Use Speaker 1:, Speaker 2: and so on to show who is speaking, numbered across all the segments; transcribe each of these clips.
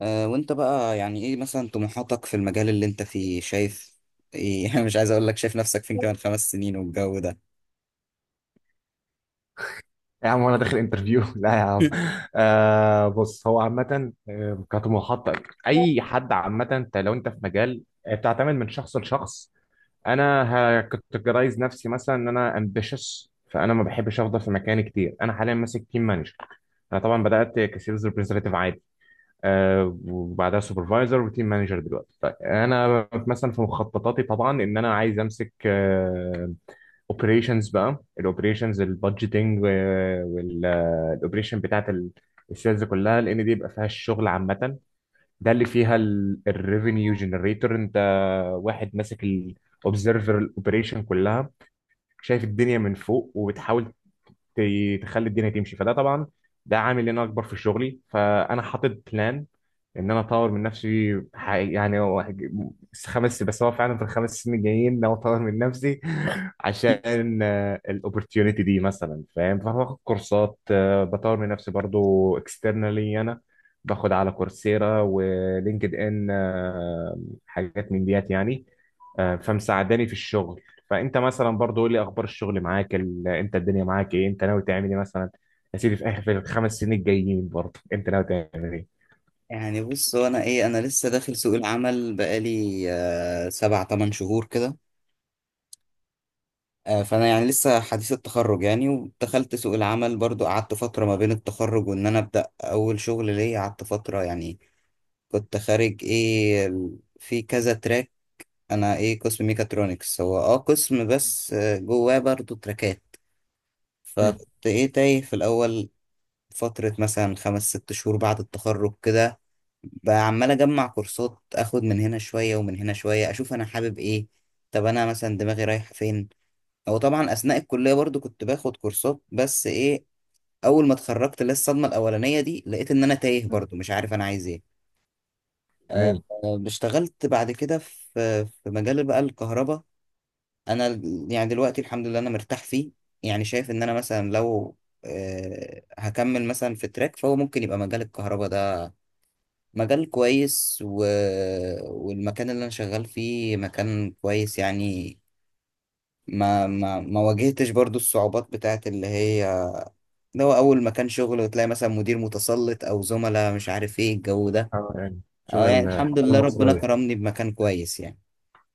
Speaker 1: وانت بقى يعني ايه مثلا طموحاتك في المجال اللي انت فيه شايف ايه؟ أنا مش عايز اقول لك، شايف نفسك فين كمان خمس سنين والجو ده؟
Speaker 2: يا عم، وانا داخل انترفيو لا يا عم. بص، هو عامة كطموحات اي حد عامة، انت لو انت في مجال بتعتمد من شخص لشخص. انا هكتجرايز نفسي مثلا ان انا امبيشس، فانا ما بحبش افضل في مكاني كتير. انا حاليا ماسك تيم مانجر. انا طبعا بدات كسيلز ريبريزنتيف عادي، وبعدها سوبرفايزر وتيم مانجر دلوقتي. طيب انا مثلا في مخططاتي طبعا ان انا عايز امسك اوبريشنز بقى، الاوبريشنز البادجيتنج والاوبريشن بتاعت السيلز كلها، لان دي بيبقى فيها الشغل عامه، ده اللي فيها الريفينيو جنريتور. انت واحد ماسك الاوبزرفر الاوبريشن كلها، شايف الدنيا من فوق وبتحاول تخلي الدنيا تمشي، فده طبعا ده عامل ان انا اكبر في شغلي، فانا حاطط بلان ان انا اطور من نفسي. يعني هو خمس، بس هو فعلا في الخمس سنين الجايين إن انا اطور من نفسي عشان الاوبورتيونيتي دي مثلا، فاهم، فباخد كورسات، بطور من نفسي برضو اكسترنالي. انا باخد على كورسيرا ولينكد ان، حاجات من ديات يعني، فمساعداني في الشغل. فانت مثلا برضه قول لي اخبار الشغل معاك، انت الدنيا معاك ايه، انت ناوي تعمل ايه مثلا؟ يا سيدي في اخر، في الخمس سنين الجايين برضه انت ناوي تعمل ايه؟
Speaker 1: يعني بص، هو انا ايه، انا لسه داخل سوق العمل بقالي سبع تمن شهور كده. فانا يعني لسه حديث التخرج يعني، ودخلت سوق العمل برضو، قعدت فترة ما بين التخرج وان انا ابدا اول شغل ليا، قعدت فترة يعني كنت خارج ايه في كذا تراك. انا ايه قسم ميكاترونكس، هو قسم بس جواه برضو تراكات.
Speaker 2: مم.
Speaker 1: فكنت ايه تايه في الاول فترة مثلا خمس ست شهور بعد التخرج كده، بقى عمال اجمع كورسات، اخد من هنا شوية ومن هنا شوية، اشوف انا حابب ايه، طب انا مثلا دماغي رايحة فين. او طبعا اثناء الكلية برضو كنت باخد كورسات، بس ايه، اول ما اتخرجت لسه الصدمة الاولانية دي، لقيت ان انا تايه برضو مش عارف انا عايز ايه.
Speaker 2: تمام،
Speaker 1: اشتغلت بعد كده في مجال بقى الكهرباء. انا يعني دلوقتي الحمد لله انا مرتاح فيه، يعني شايف ان انا مثلا لو هكمل مثلا في تراك، فهو ممكن يبقى مجال الكهرباء ده مجال كويس، والمكان اللي انا شغال فيه مكان كويس يعني. ما واجهتش برضو الصعوبات بتاعت اللي هي لو اول مكان شغل وتلاقي مثلا مدير متسلط او زملاء مش عارف ايه الجو ده.
Speaker 2: يعني شغل
Speaker 1: اه يعني الحمد
Speaker 2: الحضاره
Speaker 1: لله ربنا
Speaker 2: المصريه.
Speaker 1: كرمني بمكان كويس يعني.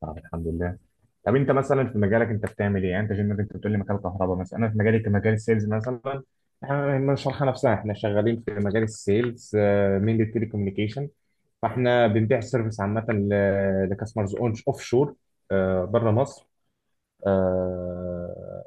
Speaker 2: طب الحمد لله. طب انت مثلا في مجالك، انت بتعمل ايه؟ يعني انت جنبك، انت بتقول لي مجال كهرباء، مثلا انا في مجالي كمجال السيلز مثلا، احنا ما نشرحها نفسها، احنا شغالين في مجال السيلز من التلي كوميونيكيشن، فاحنا بنبيع سيرفيس عامه لكاستمرز اون اوف شور، بره مصر. آه،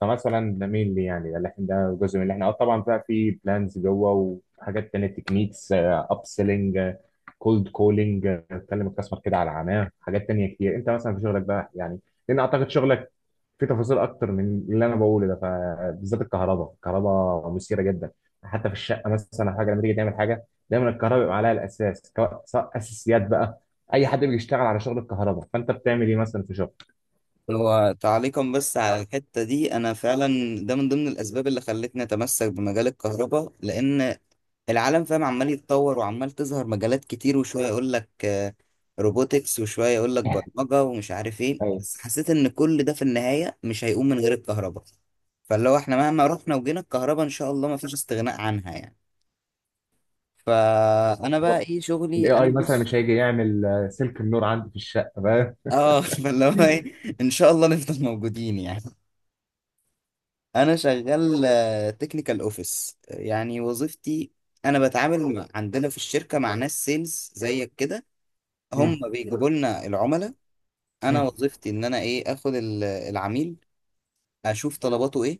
Speaker 2: فمثلا نميل لي، يعني ده اللي احنا، ده جزء من اللي احنا طبعا بقى، في بلانز جوه وحاجات تانية، تكنيكس اب سيلينج، كولد كولينج، تكلم الكاستمر كده على عماه، حاجات تانية كتير. انت مثلا في شغلك بقى يعني، لان اعتقد شغلك في تفاصيل اكتر من اللي انا بقوله ده، فبالذات الكهرباء. الكهرباء مثيره جدا، حتى في الشقه مثلا حاجه، لما تيجي تعمل حاجه دايما الكهرباء بيبقى عليها الاساس، سواء سواء اساسيات بقى. اي حد بيشتغل على شغل الكهرباء، فانت بتعمل ايه مثلا في شغل؟
Speaker 1: هو تعليقا بس على الحتة دي، أنا فعلا ده من ضمن الأسباب اللي خلتني أتمسك بمجال الكهرباء، لأن العالم فاهم عمال يتطور وعمال تظهر مجالات كتير، وشوية يقول لك روبوتكس وشوية يقول لك برمجة ومش عارف إيه،
Speaker 2: ايوه.
Speaker 1: بس حسيت إن كل ده في النهاية مش هيقوم من غير الكهرباء. فاللي هو إحنا مهما رحنا وجينا، الكهرباء إن شاء الله مفيش استغناء عنها يعني. فأنا بقى إيه
Speaker 2: الاي
Speaker 1: شغلي، أنا
Speaker 2: اي مثلا
Speaker 1: بص،
Speaker 2: مش هيجي يعمل سلك النور عندي في الشقه بقى.
Speaker 1: فاللي هو
Speaker 2: مم.
Speaker 1: إيه إن شاء الله نفضل موجودين يعني. انا شغال تكنيكال اوفيس يعني وظيفتي. انا بتعامل عندنا في الشركه مع ناس سيلز زيك كده، هم بيجيبوا لنا العملاء. انا
Speaker 2: مم.
Speaker 1: وظيفتي ان انا ايه اخد العميل، اشوف طلباته ايه،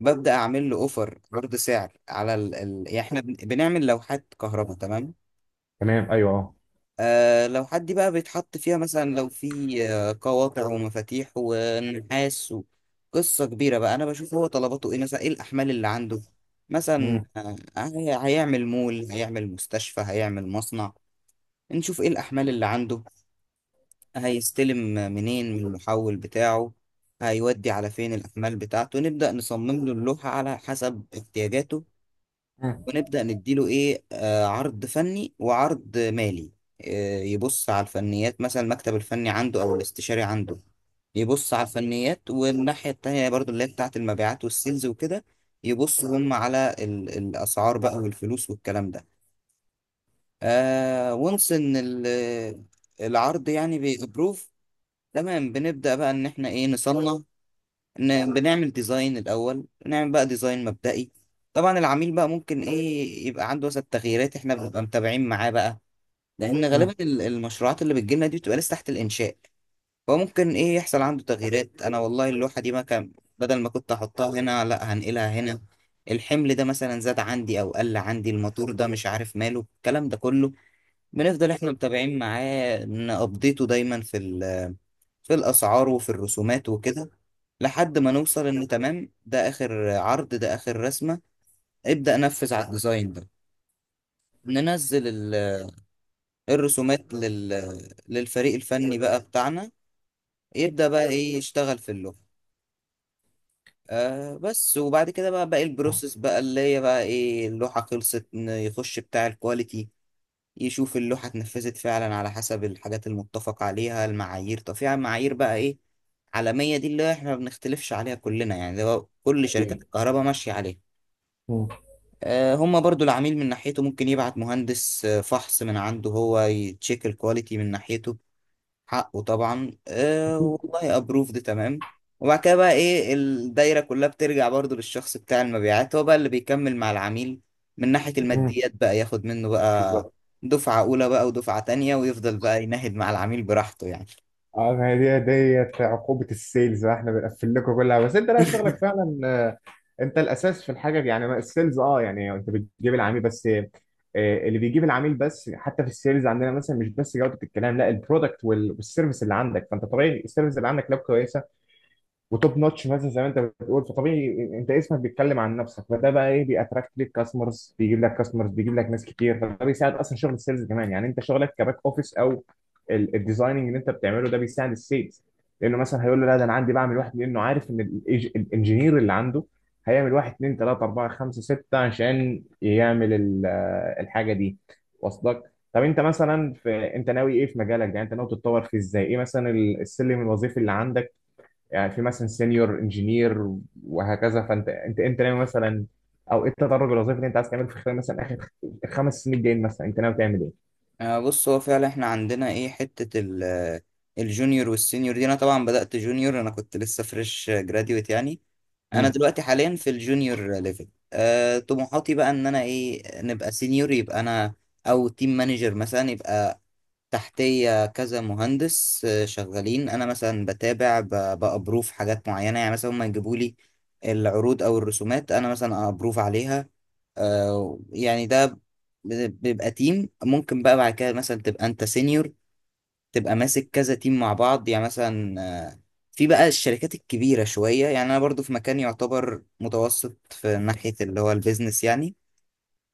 Speaker 1: ببدا اعمل له اوفر عرض سعر على يعني احنا بنعمل لوحات كهرباء تمام.
Speaker 2: تمام، ايوه، اه.
Speaker 1: لو حد بقى بيتحط فيها، مثلا لو في قواقع ومفاتيح ونحاس، قصة كبيرة بقى، أنا بشوف هو طلباته إيه، مثلا إيه الأحمال اللي عنده، مثلا
Speaker 2: مم.
Speaker 1: هيعمل مول، هيعمل مستشفى، هيعمل مصنع. نشوف إيه الأحمال اللي عنده، هيستلم منين من المحول بتاعه، هيودي على فين الأحمال بتاعته، نبدأ نصمم له اللوحة على حسب احتياجاته،
Speaker 2: مم.
Speaker 1: ونبدأ نديله إيه، عرض فني وعرض مالي. يبص على الفنيات مثلا المكتب الفني عنده أو الاستشاري عنده، يبص على الفنيات، والناحية التانية برضو اللي هي بتاعة المبيعات والسيلز وكده، يبصوا هم على الأسعار بقى والفلوس والكلام ده. وانس إن العرض يعني بيبروف، تمام، بنبدأ بقى إن إحنا إيه نصنف، بنعمل ديزاين الأول، نعمل بقى ديزاين مبدئي. طبعا العميل بقى ممكن إيه يبقى عنده مثلا تغييرات، إحنا بنبقى متابعين معاه بقى، لأن
Speaker 2: مم.
Speaker 1: غالبا المشروعات اللي بتجيلنا دي بتبقى لسه تحت الإنشاء، فممكن إيه يحصل عنده تغييرات. أنا والله اللوحة دي ما كان، بدل ما كنت أحطها هنا لأ هنقلها هنا، الحمل ده مثلا زاد عندي أو قل عندي، الموتور ده مش عارف ماله، الكلام ده كله بنفضل إحنا متابعين معاه، نأبديته دايما في الأسعار وفي الرسومات وكده، لحد ما نوصل إن تمام، ده آخر عرض ده آخر رسمة، ابدأ نفذ على الديزاين ده. ننزل الرسومات للفريق الفني بقى بتاعنا، يبدأ بقى إيه يشتغل في اللوحة. بس وبعد كده بقى باقي البروسيس بقى اللي هي بقى إيه اللوحة خلصت، يخش بتاع الكواليتي يشوف اللوحة اتنفذت فعلا على حسب الحاجات المتفق عليها، المعايير، طب في معايير بقى ايه عالمية دي اللي احنا ما بنختلفش عليها كلنا يعني، ده كل شركات
Speaker 2: اكيد.
Speaker 1: الكهرباء ماشية عليها.
Speaker 2: مم.
Speaker 1: هما برضو العميل من ناحيته ممكن يبعت مهندس، فحص من عنده هو، يتشيك الكواليتي من ناحيته حقه طبعا. والله ابروف ده تمام، وبعد كده بقى ايه الدايره كلها بترجع برضو للشخص بتاع المبيعات، هو بقى اللي بيكمل مع العميل من ناحيه
Speaker 2: مم.
Speaker 1: الماديات بقى، ياخد منه بقى
Speaker 2: بالظبط.
Speaker 1: دفعه اولى بقى ودفعه تانية، ويفضل بقى يناهد مع العميل براحته يعني.
Speaker 2: اه، ما هي دي ديت عقوبه السيلز بقى، احنا بنقفل لكم كلها، بس انت لا، شغلك فعلا انت الاساس في الحاجه دي، يعني السيلز، يعني انت بتجيب العميل بس، اللي بيجيب العميل بس. حتى في السيلز عندنا مثلا مش بس جوده الكلام، لا، البرودكت والسيرفيس اللي عندك، فانت طبيعي السيرفيس اللي عندك لو كويسه وتوب نوتش، مثلا زي ما انت بتقول، فطبيعي انت اسمك بيتكلم عن نفسك، فده بقى ايه، بيأتراكت ليك كاستمرز، بيجيب لك كاستمرز، بيجيب لك ناس كتير، فده بيساعد اصلا شغل السيلز كمان. يعني انت شغلك كباك اوفيس او الديزايننج اللي انت بتعمله ده، بيساعد السيلز، لانه مثلا هيقول له لا، ده انا عندي بعمل واحد، لانه عارف ان الانجينير اللي عنده هيعمل واحد اتنين تلاته اربعه خمسه سته عشان يعمل الحاجه دي. واصلك؟ طب انت مثلا انت ناوي ايه في مجالك ده؟ يعني انت ناوي تتطور فيه ازاي؟ ايه مثلا السلم الوظيفي اللي عندك؟ يعني في مثلا سينيور انجينير وهكذا، فانت انت انت ناوي مثلا، او ايه التدرج الوظيفي اللي انت عايز تعمله في خلال مثلا اخر 5 سنين الجايين مثلا؟ انت ناوي تعمل ايه؟
Speaker 1: بص، هو فعلا احنا عندنا ايه حتة الجونيور والسينيور دي، انا طبعا بدأت جونيور، انا كنت لسه فريش جراديويت يعني. انا
Speaker 2: مم.
Speaker 1: دلوقتي حاليا في الجونيور ليفل، طموحاتي بقى ان انا ايه نبقى سينيور، يبقى انا او تيم مانجر مثلا، يبقى تحتية كذا مهندس شغالين، انا مثلا بتابع بأبروف حاجات معينة يعني، مثلا هم يجيبوا لي العروض او الرسومات انا مثلا ابروف عليها. يعني ده بيبقى تيم، ممكن بقى بعد كده مثلا تبقى انت سينيور، تبقى ماسك كذا تيم مع بعض يعني، مثلا آه، في بقى الشركات الكبيرة شوية، يعني انا برضو في مكان يعتبر متوسط في ناحية اللي هو البيزنس يعني.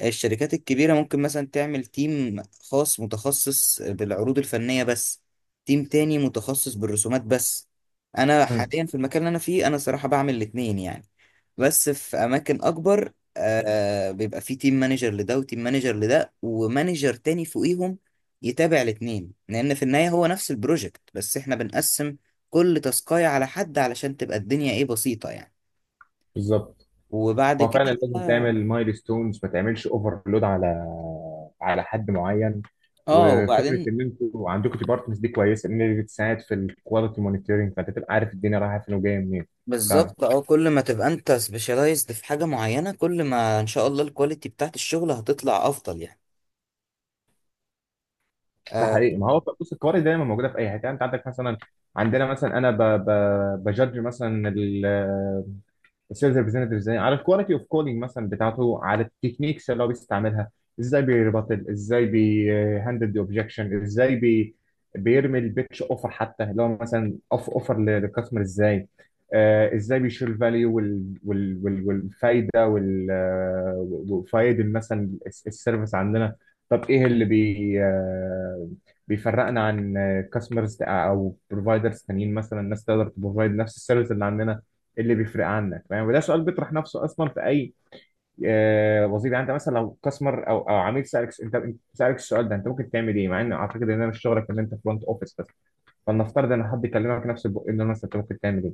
Speaker 1: الشركات الكبيرة ممكن مثلا تعمل تيم خاص متخصص بالعروض الفنية بس، تيم تاني متخصص بالرسومات بس. أنا
Speaker 2: مم.
Speaker 1: حاليا في المكان اللي أنا فيه، أنا صراحة بعمل الاتنين يعني، بس في أماكن أكبر بيبقى فيه تيم مانجر لده وتيم مانجر لده ومانجر تاني فوقيهم يتابع الاتنين، لأن في النهاية هو نفس البروجكت بس إحنا بنقسم كل تاسكاية على حد علشان تبقى الدنيا إيه بسيطة يعني.
Speaker 2: بالظبط.
Speaker 1: وبعد
Speaker 2: هو
Speaker 1: كده
Speaker 2: فعلا لازم
Speaker 1: بقى-
Speaker 2: تعمل مايل ستونز، ما تعملش اوفرلود على حد معين.
Speaker 1: اه
Speaker 2: وفكره
Speaker 1: وبعدين
Speaker 2: ان انتوا عندكم ديبارتمنتس دي كويسه، ان هي بتساعد في الكواليتي مونيتورنج، فانت تبقى عارف الدنيا رايحه فين وجايه منين.
Speaker 1: بالظبط، كل ما تبقى انت سبيشالايزد في حاجة معينة، كل ما ان شاء الله الكواليتي بتاعت الشغل هتطلع افضل يعني.
Speaker 2: ده
Speaker 1: آه
Speaker 2: حقيقي، ما هو بص القوارض دايما موجوده في اي حته. يعني انت عندك مثلا، عندنا مثلا، انا بجدج مثلا السيلز ريبريزنتيف ازاي على الكواليتي اوف كولينج مثلا بتاعته، على التكنيكس اللي هو بيستعملها، ازاي بيربطل، ازاي بيهندل دي اوبجكشن، ازاي بيرمي البيتش اوفر، حتى اللي هو مثلا اوفر للكاستمر ازاي، ازاي بيشيل الفاليو، والفايده وال آه، وفايد مثلا السيرفيس عندنا. طب ايه اللي بي آه بيفرقنا عن كاستمرز او بروفايدرز تانيين، مثلا الناس تقدر تبروفايد نفس السيرفيس اللي عندنا، اللي بيفرق عنك فاهم. وده سؤال بيطرح نفسه اصلا في اي وظيفه. يعني انت مثلا لو كاستمر او عميل سالك انت سالك السؤال ده، انت ممكن تعمل ايه، مع ان اعتقد ان انا مش شغلك، ان انت فرونت اوفيس بس؟ فلنفترض ان حد كلمك نفس البق، ان مثلا انت ممكن تعمل ايه؟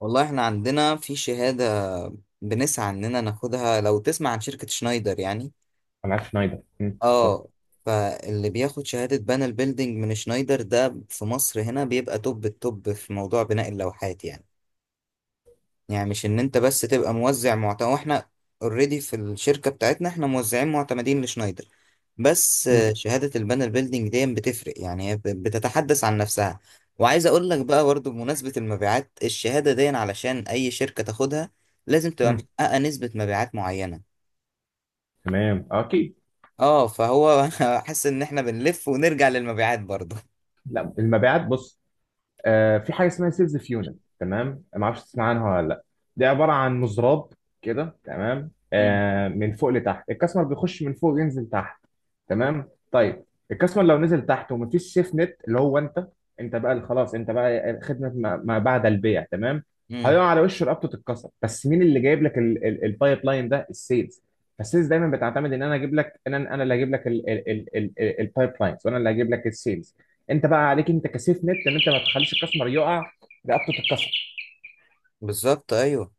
Speaker 1: والله احنا عندنا في شهادة بنسعى اننا ناخدها، لو تسمع عن شركة شنايدر يعني،
Speaker 2: انا عارف شنايدر، مم،
Speaker 1: اه
Speaker 2: بالظبط.
Speaker 1: فاللي بياخد شهادة بانل بيلدينج من شنايدر ده في مصر هنا بيبقى توب التوب في موضوع بناء اللوحات يعني. يعني مش ان انت بس تبقى موزع معتمد، واحنا اوريدي في الشركة بتاعتنا احنا موزعين معتمدين لشنايدر، بس
Speaker 2: مم.
Speaker 1: شهادة البانل بيلدينج دي بتفرق يعني، هي بتتحدث عن نفسها. وعايز اقول لك بقى برضه بمناسبة المبيعات، الشهادة دي علشان اي شركة تاخدها لازم تبقى
Speaker 2: مم.
Speaker 1: محققة نسبة مبيعات معينة.
Speaker 2: تمام، اكيد.
Speaker 1: اه فهو حاسس ان احنا بنلف ونرجع للمبيعات برضه.
Speaker 2: لا، المبيعات بص، في حاجه اسمها سيلز فيونت، تمام؟ ما اعرفش تسمع عنها ولا لا. دي عباره عن مزراب كده، تمام،
Speaker 1: امم
Speaker 2: من فوق لتحت، الكاستمر بيخش من فوق ينزل تحت. تمام، طيب. الكاستمر لو نزل تحت ومفيش سيف نت، اللي هو انت، انت بقى اللي خلاص، انت بقى خدمه ما بعد البيع، تمام. هيقع على وشه، رقبته تتكسر. بس مين اللي جايب لك البايب لاين ده؟ السيلز. فالسيلز دايما بتعتمد ان انا اجيب لك، ان انا اللي هجيب لك البايب لاينز، وانا اللي هجيب لك السيلز. انت بقى عليك انت كسيف نت، ان انت ما تخليش الكاستمر يقع رقبته تتكسر.
Speaker 1: بالظبط ايوه.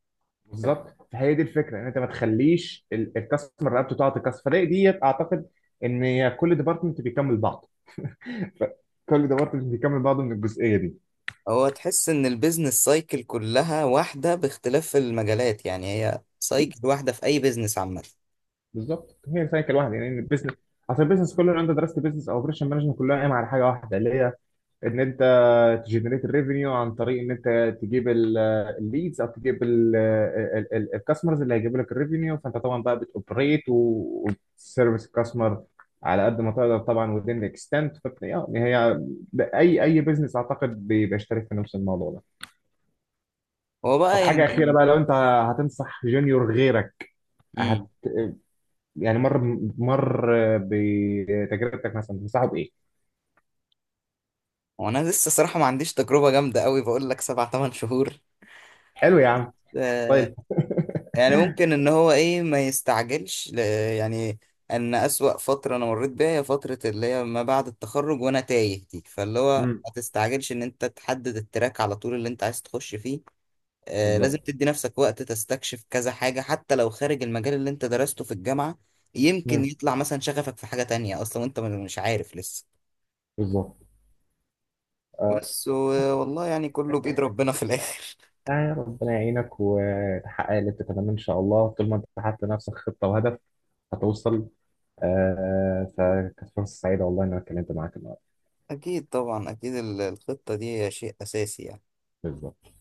Speaker 2: بالظبط، فهي دي الفكره، ان انت ما تخليش الكاستمر رقبته تقع تتكسر. فدي ديت اعتقد ان كل ديبارتمنت بيكمل بعض، ف- كل ديبارتمنت بيكمل بعضه من الجزئيه دي.
Speaker 1: هو تحس ان البيزنس سايكل كلها واحدة باختلاف المجالات يعني، هي
Speaker 2: ايه،
Speaker 1: سايكل واحدة في اي بيزنس عامة.
Speaker 2: بالظبط، هي سايكل واحده يعني البيزنس، عشان البيزنس كله لو انت درست بيزنس او اوبريشن مانجمنت كلها قايمه على حاجه واحده، اللي هي ان انت تجنريت الريفينيو عن طريق ان انت تجيب الليدز او تجيب الكاستمرز اللي هيجيبوا لك الريفينيو، فانت طبعا بقى بتوبريت وتسيرفيس الكاستمر على قد ما تقدر طبعا within the extent، يعني هي اي بزنس اعتقد بيبقى شارك في نفس الموضوع ده.
Speaker 1: هو
Speaker 2: طب
Speaker 1: بقى
Speaker 2: حاجه
Speaker 1: يعني
Speaker 2: اخيره بقى، لو انت هتنصح جونيور غيرك، هت...
Speaker 1: امم
Speaker 2: يعني مر بتجربتك مثلا، تنصحه بايه؟
Speaker 1: هو انا لسه صراحة ما عنديش تجربة جامدة قوي، بقول لك سبع تمن شهور.
Speaker 2: حلو يا عم.
Speaker 1: آه
Speaker 2: طيب.
Speaker 1: يعني ممكن ان هو ايه ما يستعجلش يعني ان اسوأ فترة انا مريت بيها هي فترة اللي هي ما بعد التخرج وانا تايه دي، فاللي هو
Speaker 2: امم.
Speaker 1: ما تستعجلش ان انت تحدد التراك على طول اللي انت عايز تخش فيه. لازم
Speaker 2: بالظبط.
Speaker 1: تدي نفسك وقت تستكشف كذا حاجة حتى لو خارج المجال اللي انت درسته في الجامعة، يمكن
Speaker 2: امم.
Speaker 1: يطلع مثلا شغفك في حاجة تانية اصلا وانت مش عارف لسه.
Speaker 2: بالظبط. آه،
Speaker 1: بس والله يعني كله بإيد ربنا في الآخر.
Speaker 2: يعني ربنا يعينك وتحقق اللي بتتمناه ان شاء الله، طول ما انت حاطط لنفسك خطه وهدف هتوصل. فكانت فرصه سعيده والله ان انا اتكلمت معاك النهارده.
Speaker 1: أكيد طبعا أكيد الخطة دي شيء أساسي يعني.
Speaker 2: بالظبط.